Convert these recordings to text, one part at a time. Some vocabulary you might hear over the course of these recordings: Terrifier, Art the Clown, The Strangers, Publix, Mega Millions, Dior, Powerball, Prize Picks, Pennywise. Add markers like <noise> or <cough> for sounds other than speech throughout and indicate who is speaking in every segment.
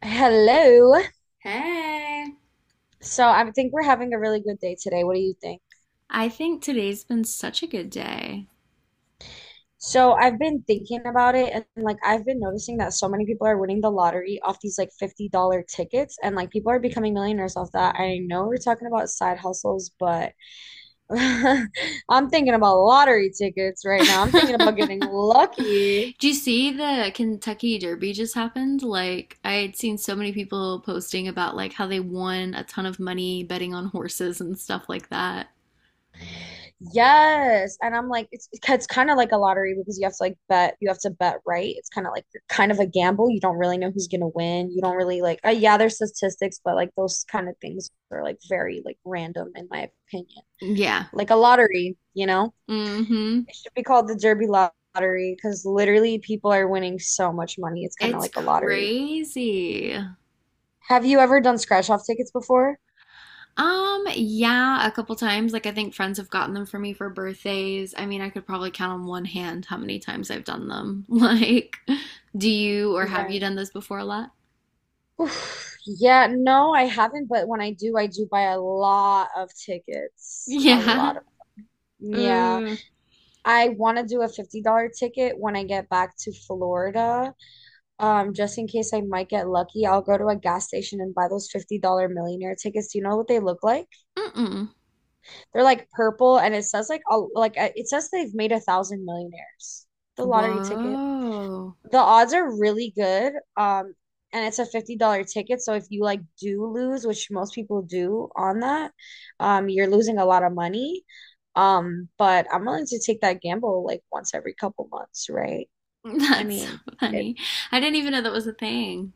Speaker 1: Hello.
Speaker 2: Hey.
Speaker 1: So I think we're having a really good day today. What do you think?
Speaker 2: I think today's been such a good day.
Speaker 1: So I've been thinking about it and like I've been noticing that so many people are winning the lottery off these like $50 tickets and like people are becoming millionaires off that. I know we're talking about side hustles, but <laughs> I'm thinking about lottery tickets right
Speaker 2: <laughs>
Speaker 1: now. I'm thinking about getting lucky.
Speaker 2: Do you see the Kentucky Derby just happened? I had seen so many people posting about how they won a ton of money betting on horses and stuff like that.
Speaker 1: Yes. And I'm like, it's kind of like a lottery because you have to like bet, you have to bet right. It's kind of like kind of a gamble. You don't really know who's gonna win. You don't really like, yeah, there's statistics, but like those kind of things are like very like random in my opinion.
Speaker 2: Yeah.
Speaker 1: Like a lottery, you know?
Speaker 2: Mm-hmm.
Speaker 1: It should be called the Derby Lottery because literally people are winning so much money. It's kind of
Speaker 2: It's
Speaker 1: like a lottery.
Speaker 2: crazy.
Speaker 1: Have you ever done scratch off tickets before?
Speaker 2: Yeah, a couple times. Like, I think friends have gotten them for me for birthdays. I mean, I could probably count on one hand how many times I've done them. <laughs> Like, do you or have you
Speaker 1: Right.
Speaker 2: done this before a lot?
Speaker 1: <sighs> Oof, yeah, no, I haven't, but when I do buy a lot of tickets. A lot
Speaker 2: Yeah. <laughs>
Speaker 1: of, yeah.
Speaker 2: Uh,
Speaker 1: I want to do a $50 ticket when I get back to Florida. Just in case I might get lucky, I'll go to a gas station and buy those $50 millionaire tickets. Do you know what they look like?
Speaker 2: mm-mm.
Speaker 1: They're like purple and it says they've made a thousand millionaires. The lottery ticket.
Speaker 2: Whoa.
Speaker 1: The odds are really good. And it's a $50 ticket. So if you like do lose, which most people do on that, you're losing a lot of money. But I'm willing to take that gamble like once every couple months, right?
Speaker 2: <laughs>
Speaker 1: I
Speaker 2: That's so
Speaker 1: mean, it,
Speaker 2: funny. I didn't even know that was a thing.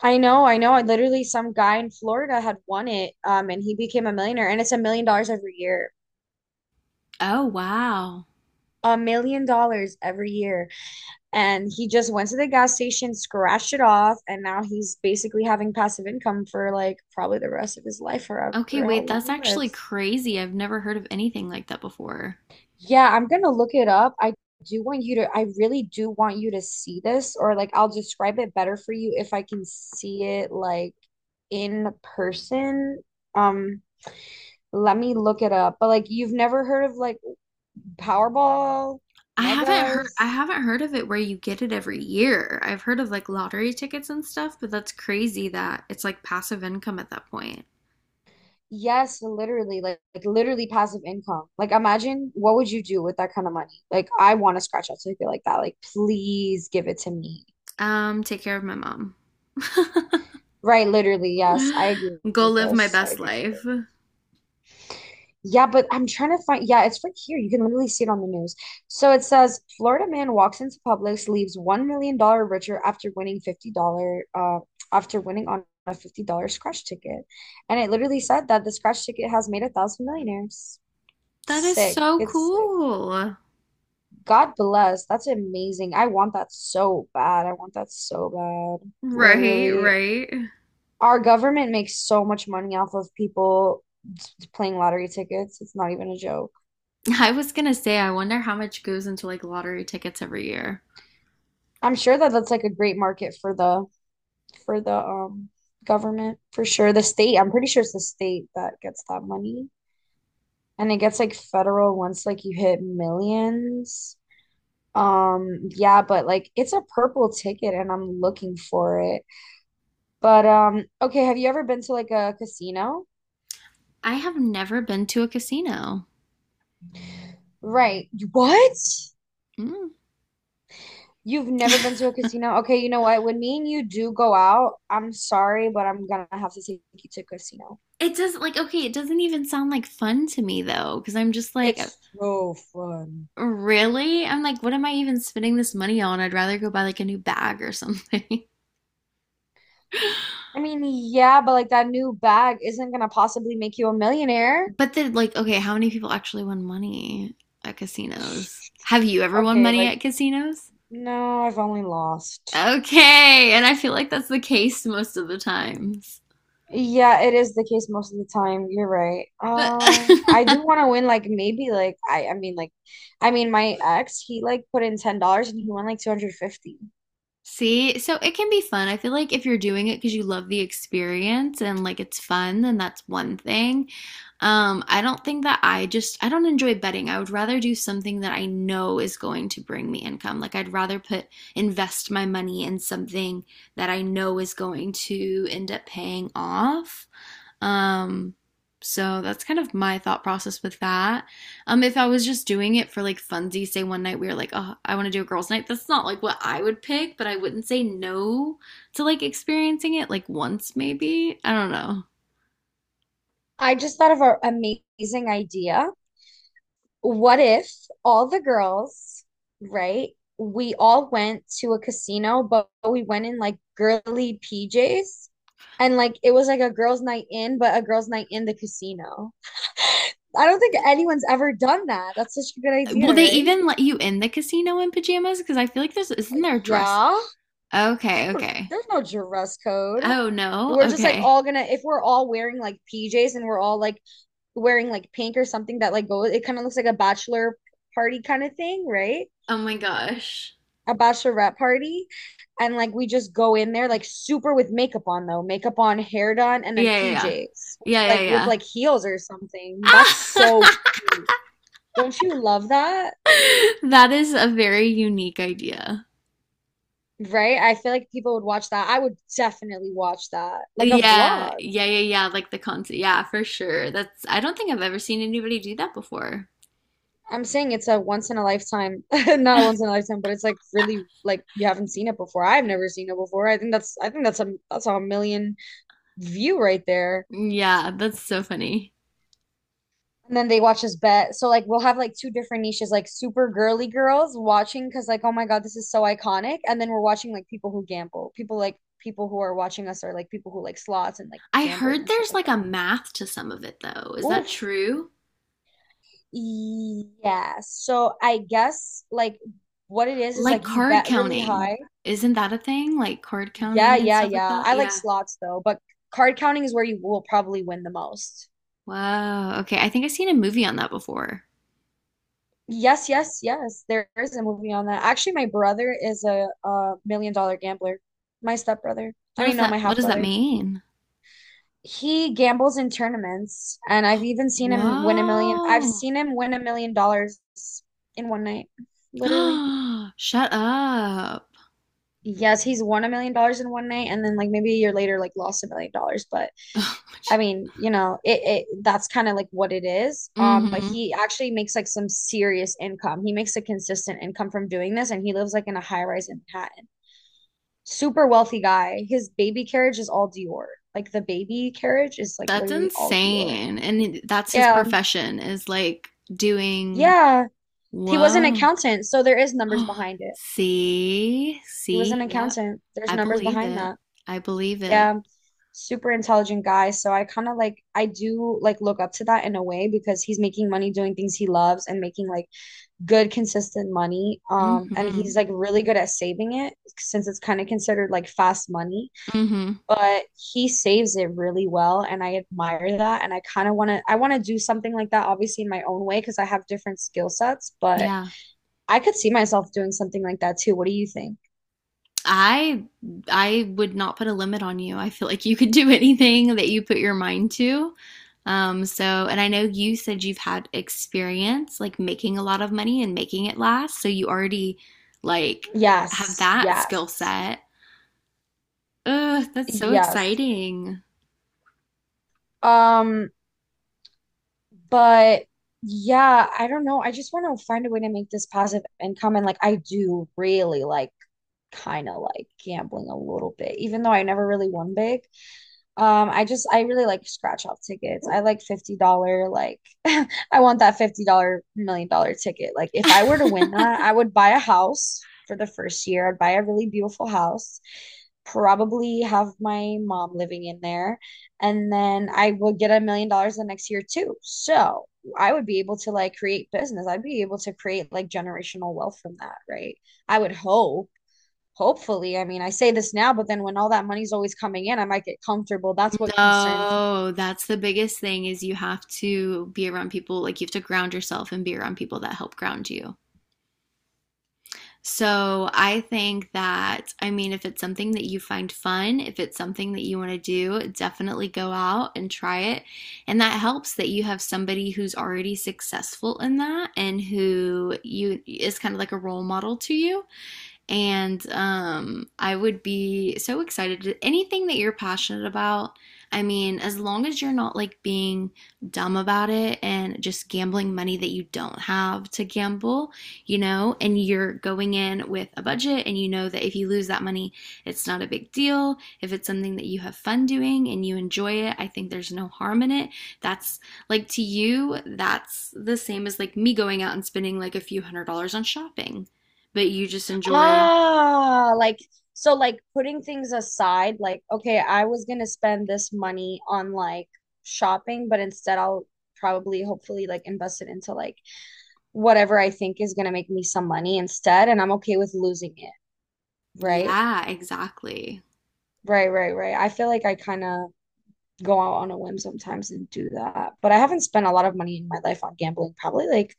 Speaker 1: I know, I know. I literally some guy in Florida had won it, and he became a millionaire, and it's $1 million every year.
Speaker 2: Oh, wow.
Speaker 1: $1 million every year. And he just went to the gas station, scratched it off, and now he's basically having passive income for like probably the rest of his life or
Speaker 2: Okay,
Speaker 1: however how
Speaker 2: wait,
Speaker 1: long
Speaker 2: that's
Speaker 1: he
Speaker 2: actually
Speaker 1: lives.
Speaker 2: crazy. I've never heard of anything like that before.
Speaker 1: Yeah, I'm gonna look it up. I really do want you to see this, or like I'll describe it better for you if I can see it like in person. Um, Let me look it up. But like you've never heard of like Powerball,
Speaker 2: I
Speaker 1: Megas.
Speaker 2: haven't heard of it where you get it every year. I've heard of like lottery tickets and stuff, but that's crazy that it's like passive income at that point.
Speaker 1: Yes, literally, like literally passive income. Like, imagine what would you do with that kind of money? Like, I want a scratch out ticket like that. Like, please give it to me.
Speaker 2: Take care of my mom. <laughs>
Speaker 1: Right, literally, yes, I agree
Speaker 2: Go
Speaker 1: with
Speaker 2: live my
Speaker 1: this. I
Speaker 2: best
Speaker 1: agree with this.
Speaker 2: life.
Speaker 1: Yeah, but I'm trying to find. Yeah, it's right here. You can literally see it on the news. So it says Florida man walks into Publix, leaves $1 million richer after winning $50 after winning on a $50 scratch ticket, and it literally said that the scratch ticket has made a thousand millionaires.
Speaker 2: That is
Speaker 1: Sick.
Speaker 2: so
Speaker 1: It's
Speaker 2: cool.
Speaker 1: God bless. That's amazing. I want that so bad. I want that so bad.
Speaker 2: Right,
Speaker 1: Literally.
Speaker 2: right.
Speaker 1: Our government makes so much money off of people playing lottery tickets. It's not even a joke.
Speaker 2: I was gonna say, I wonder how much goes into like lottery tickets every year.
Speaker 1: I'm sure that that's like a great market for the for the um government for sure. The state, I'm pretty sure it's the state that gets that money. And it gets like federal once like you hit millions. Yeah, but like it's a purple ticket and I'm looking for it. But okay, have you ever been to like a casino?
Speaker 2: I have never been to a casino.
Speaker 1: Right. What?
Speaker 2: Mm.
Speaker 1: You've never been to a casino? Okay, you know what? When me and you do go out, I'm sorry, but I'm gonna have to take you to a casino.
Speaker 2: It doesn't even sound like fun to me though, because I'm just like,
Speaker 1: It's so fun.
Speaker 2: really? I'm like, what am I even spending this money on? I'd rather go buy like a new bag or something. <laughs>
Speaker 1: I mean, yeah, but like that new bag isn't gonna possibly make you a millionaire.
Speaker 2: But then like, okay, how many people actually won money at casinos? Have you ever won
Speaker 1: Okay,
Speaker 2: money
Speaker 1: like,
Speaker 2: at casinos?
Speaker 1: no, I've only lost.
Speaker 2: Okay, and I feel like that's the case most of the times.
Speaker 1: Yeah, it is the case most of the time. You're right. I do want
Speaker 2: <laughs>
Speaker 1: to win like maybe like I mean my ex, he like put in $10 and he won like 250.
Speaker 2: See, so it can be fun. I feel like if you're doing it because you love the experience and like it's fun, then that's one thing. I don't think that I don't enjoy betting. I would rather do something that I know is going to bring me income. Like I'd rather put invest my money in something that I know is going to end up paying off. Um, so that's kind of my thought process with that. If I was just doing it for like funsies, say one night we were like, oh, I want to do a girls' night. That's not like what I would pick, but I wouldn't say no to like experiencing it like once maybe. I don't know.
Speaker 1: I just thought of an amazing idea. What if all the girls, right? We all went to a casino, but we went in like girly PJs and like it was like a girls' night in, but a girls' night in the casino. <laughs> I don't think anyone's ever done that. That's such a good
Speaker 2: Will
Speaker 1: idea,
Speaker 2: they
Speaker 1: right?
Speaker 2: even let you in the casino in pajamas? Because I feel like there's isn't there a dress?
Speaker 1: Yeah,
Speaker 2: Okay, okay.
Speaker 1: there's no dress code.
Speaker 2: Oh no.
Speaker 1: We're just like
Speaker 2: Okay.
Speaker 1: all gonna, if we're all wearing like PJs and we're all like wearing like pink or something that like goes, it kind of looks like a bachelor party kind of thing, right?
Speaker 2: Oh my gosh.
Speaker 1: A bachelorette party. And like we just go in there like super with makeup on though, makeup on, hair done, and then
Speaker 2: Yeah, yeah, yeah.
Speaker 1: PJs,
Speaker 2: Yeah, yeah,
Speaker 1: like with
Speaker 2: yeah.
Speaker 1: like heels or something. That's so
Speaker 2: Ah!
Speaker 1: cute. Don't you love that?
Speaker 2: <laughs> That is a very unique idea.
Speaker 1: Right? I feel like people would watch that. I would definitely watch that, like a
Speaker 2: Yeah,
Speaker 1: vlog.
Speaker 2: yeah, yeah, yeah. Like the concert. Yeah, for sure. That's, I don't think I've ever seen anybody do that before.
Speaker 1: I'm saying it's a once in a lifetime, <laughs> not a once
Speaker 2: <laughs>
Speaker 1: in a lifetime, but it's like really like you haven't seen it before. I've never seen it before. I think that's a million view right there.
Speaker 2: Yeah, that's so funny.
Speaker 1: And then they watch us bet. So like we'll have like two different niches, like super girly girls watching because like oh my God, this is so iconic. And then we're watching like people who gamble, people like people who are watching us are like people who like slots and like
Speaker 2: I
Speaker 1: gambling
Speaker 2: heard
Speaker 1: and stuff
Speaker 2: there's
Speaker 1: like
Speaker 2: like a
Speaker 1: that.
Speaker 2: math to some of it though. Is that
Speaker 1: Oof.
Speaker 2: true?
Speaker 1: Yeah. So I guess like what it is
Speaker 2: Like
Speaker 1: like you
Speaker 2: card
Speaker 1: bet really
Speaker 2: counting.
Speaker 1: high.
Speaker 2: Isn't that a thing? Like card
Speaker 1: Yeah,
Speaker 2: counting and
Speaker 1: yeah,
Speaker 2: stuff like
Speaker 1: yeah.
Speaker 2: that?
Speaker 1: I like
Speaker 2: Yeah.
Speaker 1: slots though, but card counting is where you will probably win the most.
Speaker 2: Wow. Okay. I think I've seen a movie on that before.
Speaker 1: Yes, yes, yes. There is a movie on that. Actually, my brother is a million dollar gambler. My stepbrother. I mean, no, my
Speaker 2: What
Speaker 1: half
Speaker 2: does that
Speaker 1: brother.
Speaker 2: mean?
Speaker 1: He gambles in tournaments, and I've even seen him win a million. I've
Speaker 2: Whoa.
Speaker 1: seen him win $1 million in one night, literally.
Speaker 2: <gasps> Shut up.
Speaker 1: Yes, he's won $1 million in one night, and then like maybe a year later, like lost $1 million. But I
Speaker 2: <laughs>
Speaker 1: mean, you know, it that's kind of like what it is. But
Speaker 2: Mm-hmm.
Speaker 1: he actually makes like some serious income. He makes a consistent income from doing this, and he lives like in a high rise in Manhattan. Super wealthy guy. His baby carriage is all Dior. Like the baby carriage is like
Speaker 2: That's
Speaker 1: literally all Dior.
Speaker 2: insane. And that's his
Speaker 1: Yeah,
Speaker 2: profession is like doing,
Speaker 1: yeah. He was an
Speaker 2: whoa. <gasps>
Speaker 1: accountant, so there is numbers
Speaker 2: Oh,
Speaker 1: behind it.
Speaker 2: see,
Speaker 1: He was an
Speaker 2: see, yep.
Speaker 1: accountant. There's
Speaker 2: I
Speaker 1: numbers
Speaker 2: believe
Speaker 1: behind
Speaker 2: it.
Speaker 1: that.
Speaker 2: I believe it.
Speaker 1: Yeah. Super intelligent guy. So I kind of like I do like look up to that in a way because he's making money doing things he loves and making like good consistent money. And
Speaker 2: Mm-hmm.
Speaker 1: he's like really good at saving it since it's kind of considered like fast money,
Speaker 2: Mm-hmm.
Speaker 1: but he saves it really well and I admire that and I want to do something like that obviously in my own way because I have different skill sets, but
Speaker 2: Yeah.
Speaker 1: I could see myself doing something like that too. What do you think?
Speaker 2: I I would not put a limit on you. I feel like you could do <laughs> anything that you put your mind to. So, and I know you said you've had experience like making a lot of money and making it last, so you already like have
Speaker 1: Yes,
Speaker 2: that
Speaker 1: yes.
Speaker 2: skill set. Ugh, that's so
Speaker 1: Yes.
Speaker 2: exciting.
Speaker 1: Um, But yeah, I don't know. I just want to find a way to make this passive income. And like, I do really like kind of like gambling a little bit, even though I never really won big. I really like scratch off tickets. I like $50 like <laughs> I want that $50 million dollar ticket. Like if I were to win that, I
Speaker 2: <laughs>
Speaker 1: would buy a house for the first year. I'd buy a really beautiful house. Probably have my mom living in there, and then I would get $1 million the next year too. So I would be able to like create business. I'd be able to create like generational wealth from that, right? I would hope. Hopefully, I mean, I say this now, but then when all that money's always coming in, I might get comfortable. That's what concerns me.
Speaker 2: No, that's the biggest thing is you have to be around people, like you have to ground yourself and be around people that help ground you. So I think that, I mean, if it's something that you find fun, if it's something that you want to do, definitely go out and try it. And that helps that you have somebody who's already successful in that and who you is kind of like a role model to you. And I would be so excited to anything that you're passionate about. I mean, as long as you're not like being dumb about it and just gambling money that you don't have to gamble, you know, and you're going in with a budget and you know that if you lose that money, it's not a big deal. If it's something that you have fun doing and you enjoy it, I think there's no harm in it. That's like to you, that's the same as like me going out and spending like a few $100s on shopping, but you just enjoy.
Speaker 1: Ah, like so like putting things aside, like okay, I was gonna spend this money on like shopping, but instead I'll probably hopefully like invest it into like whatever I think is gonna make me some money instead, and I'm okay with losing it, right?
Speaker 2: Yeah, exactly.
Speaker 1: Right, right, right. I feel like I kind of go out on a whim sometimes and do that. But I haven't spent a lot of money in my life on gambling, probably like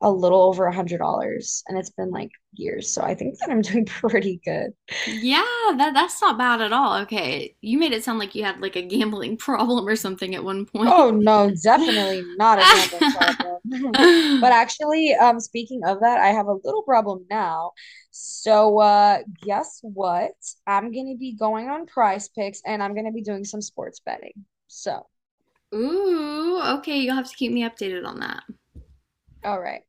Speaker 1: a little over $100, and it's been like years, so I think that I'm <laughs> doing pretty good.
Speaker 2: Yeah, that that's not bad at all. Okay. You made it sound like you had like a gambling <laughs> problem or something at one point.
Speaker 1: Oh no, definitely not a gambling
Speaker 2: <laughs>
Speaker 1: problem. <laughs> But actually, speaking of that, I have a little problem now. So, guess what? I'm gonna be going on Prize Picks, and I'm gonna be doing some sports betting. So,
Speaker 2: Ooh, okay, you'll have to keep me updated on that.
Speaker 1: all right.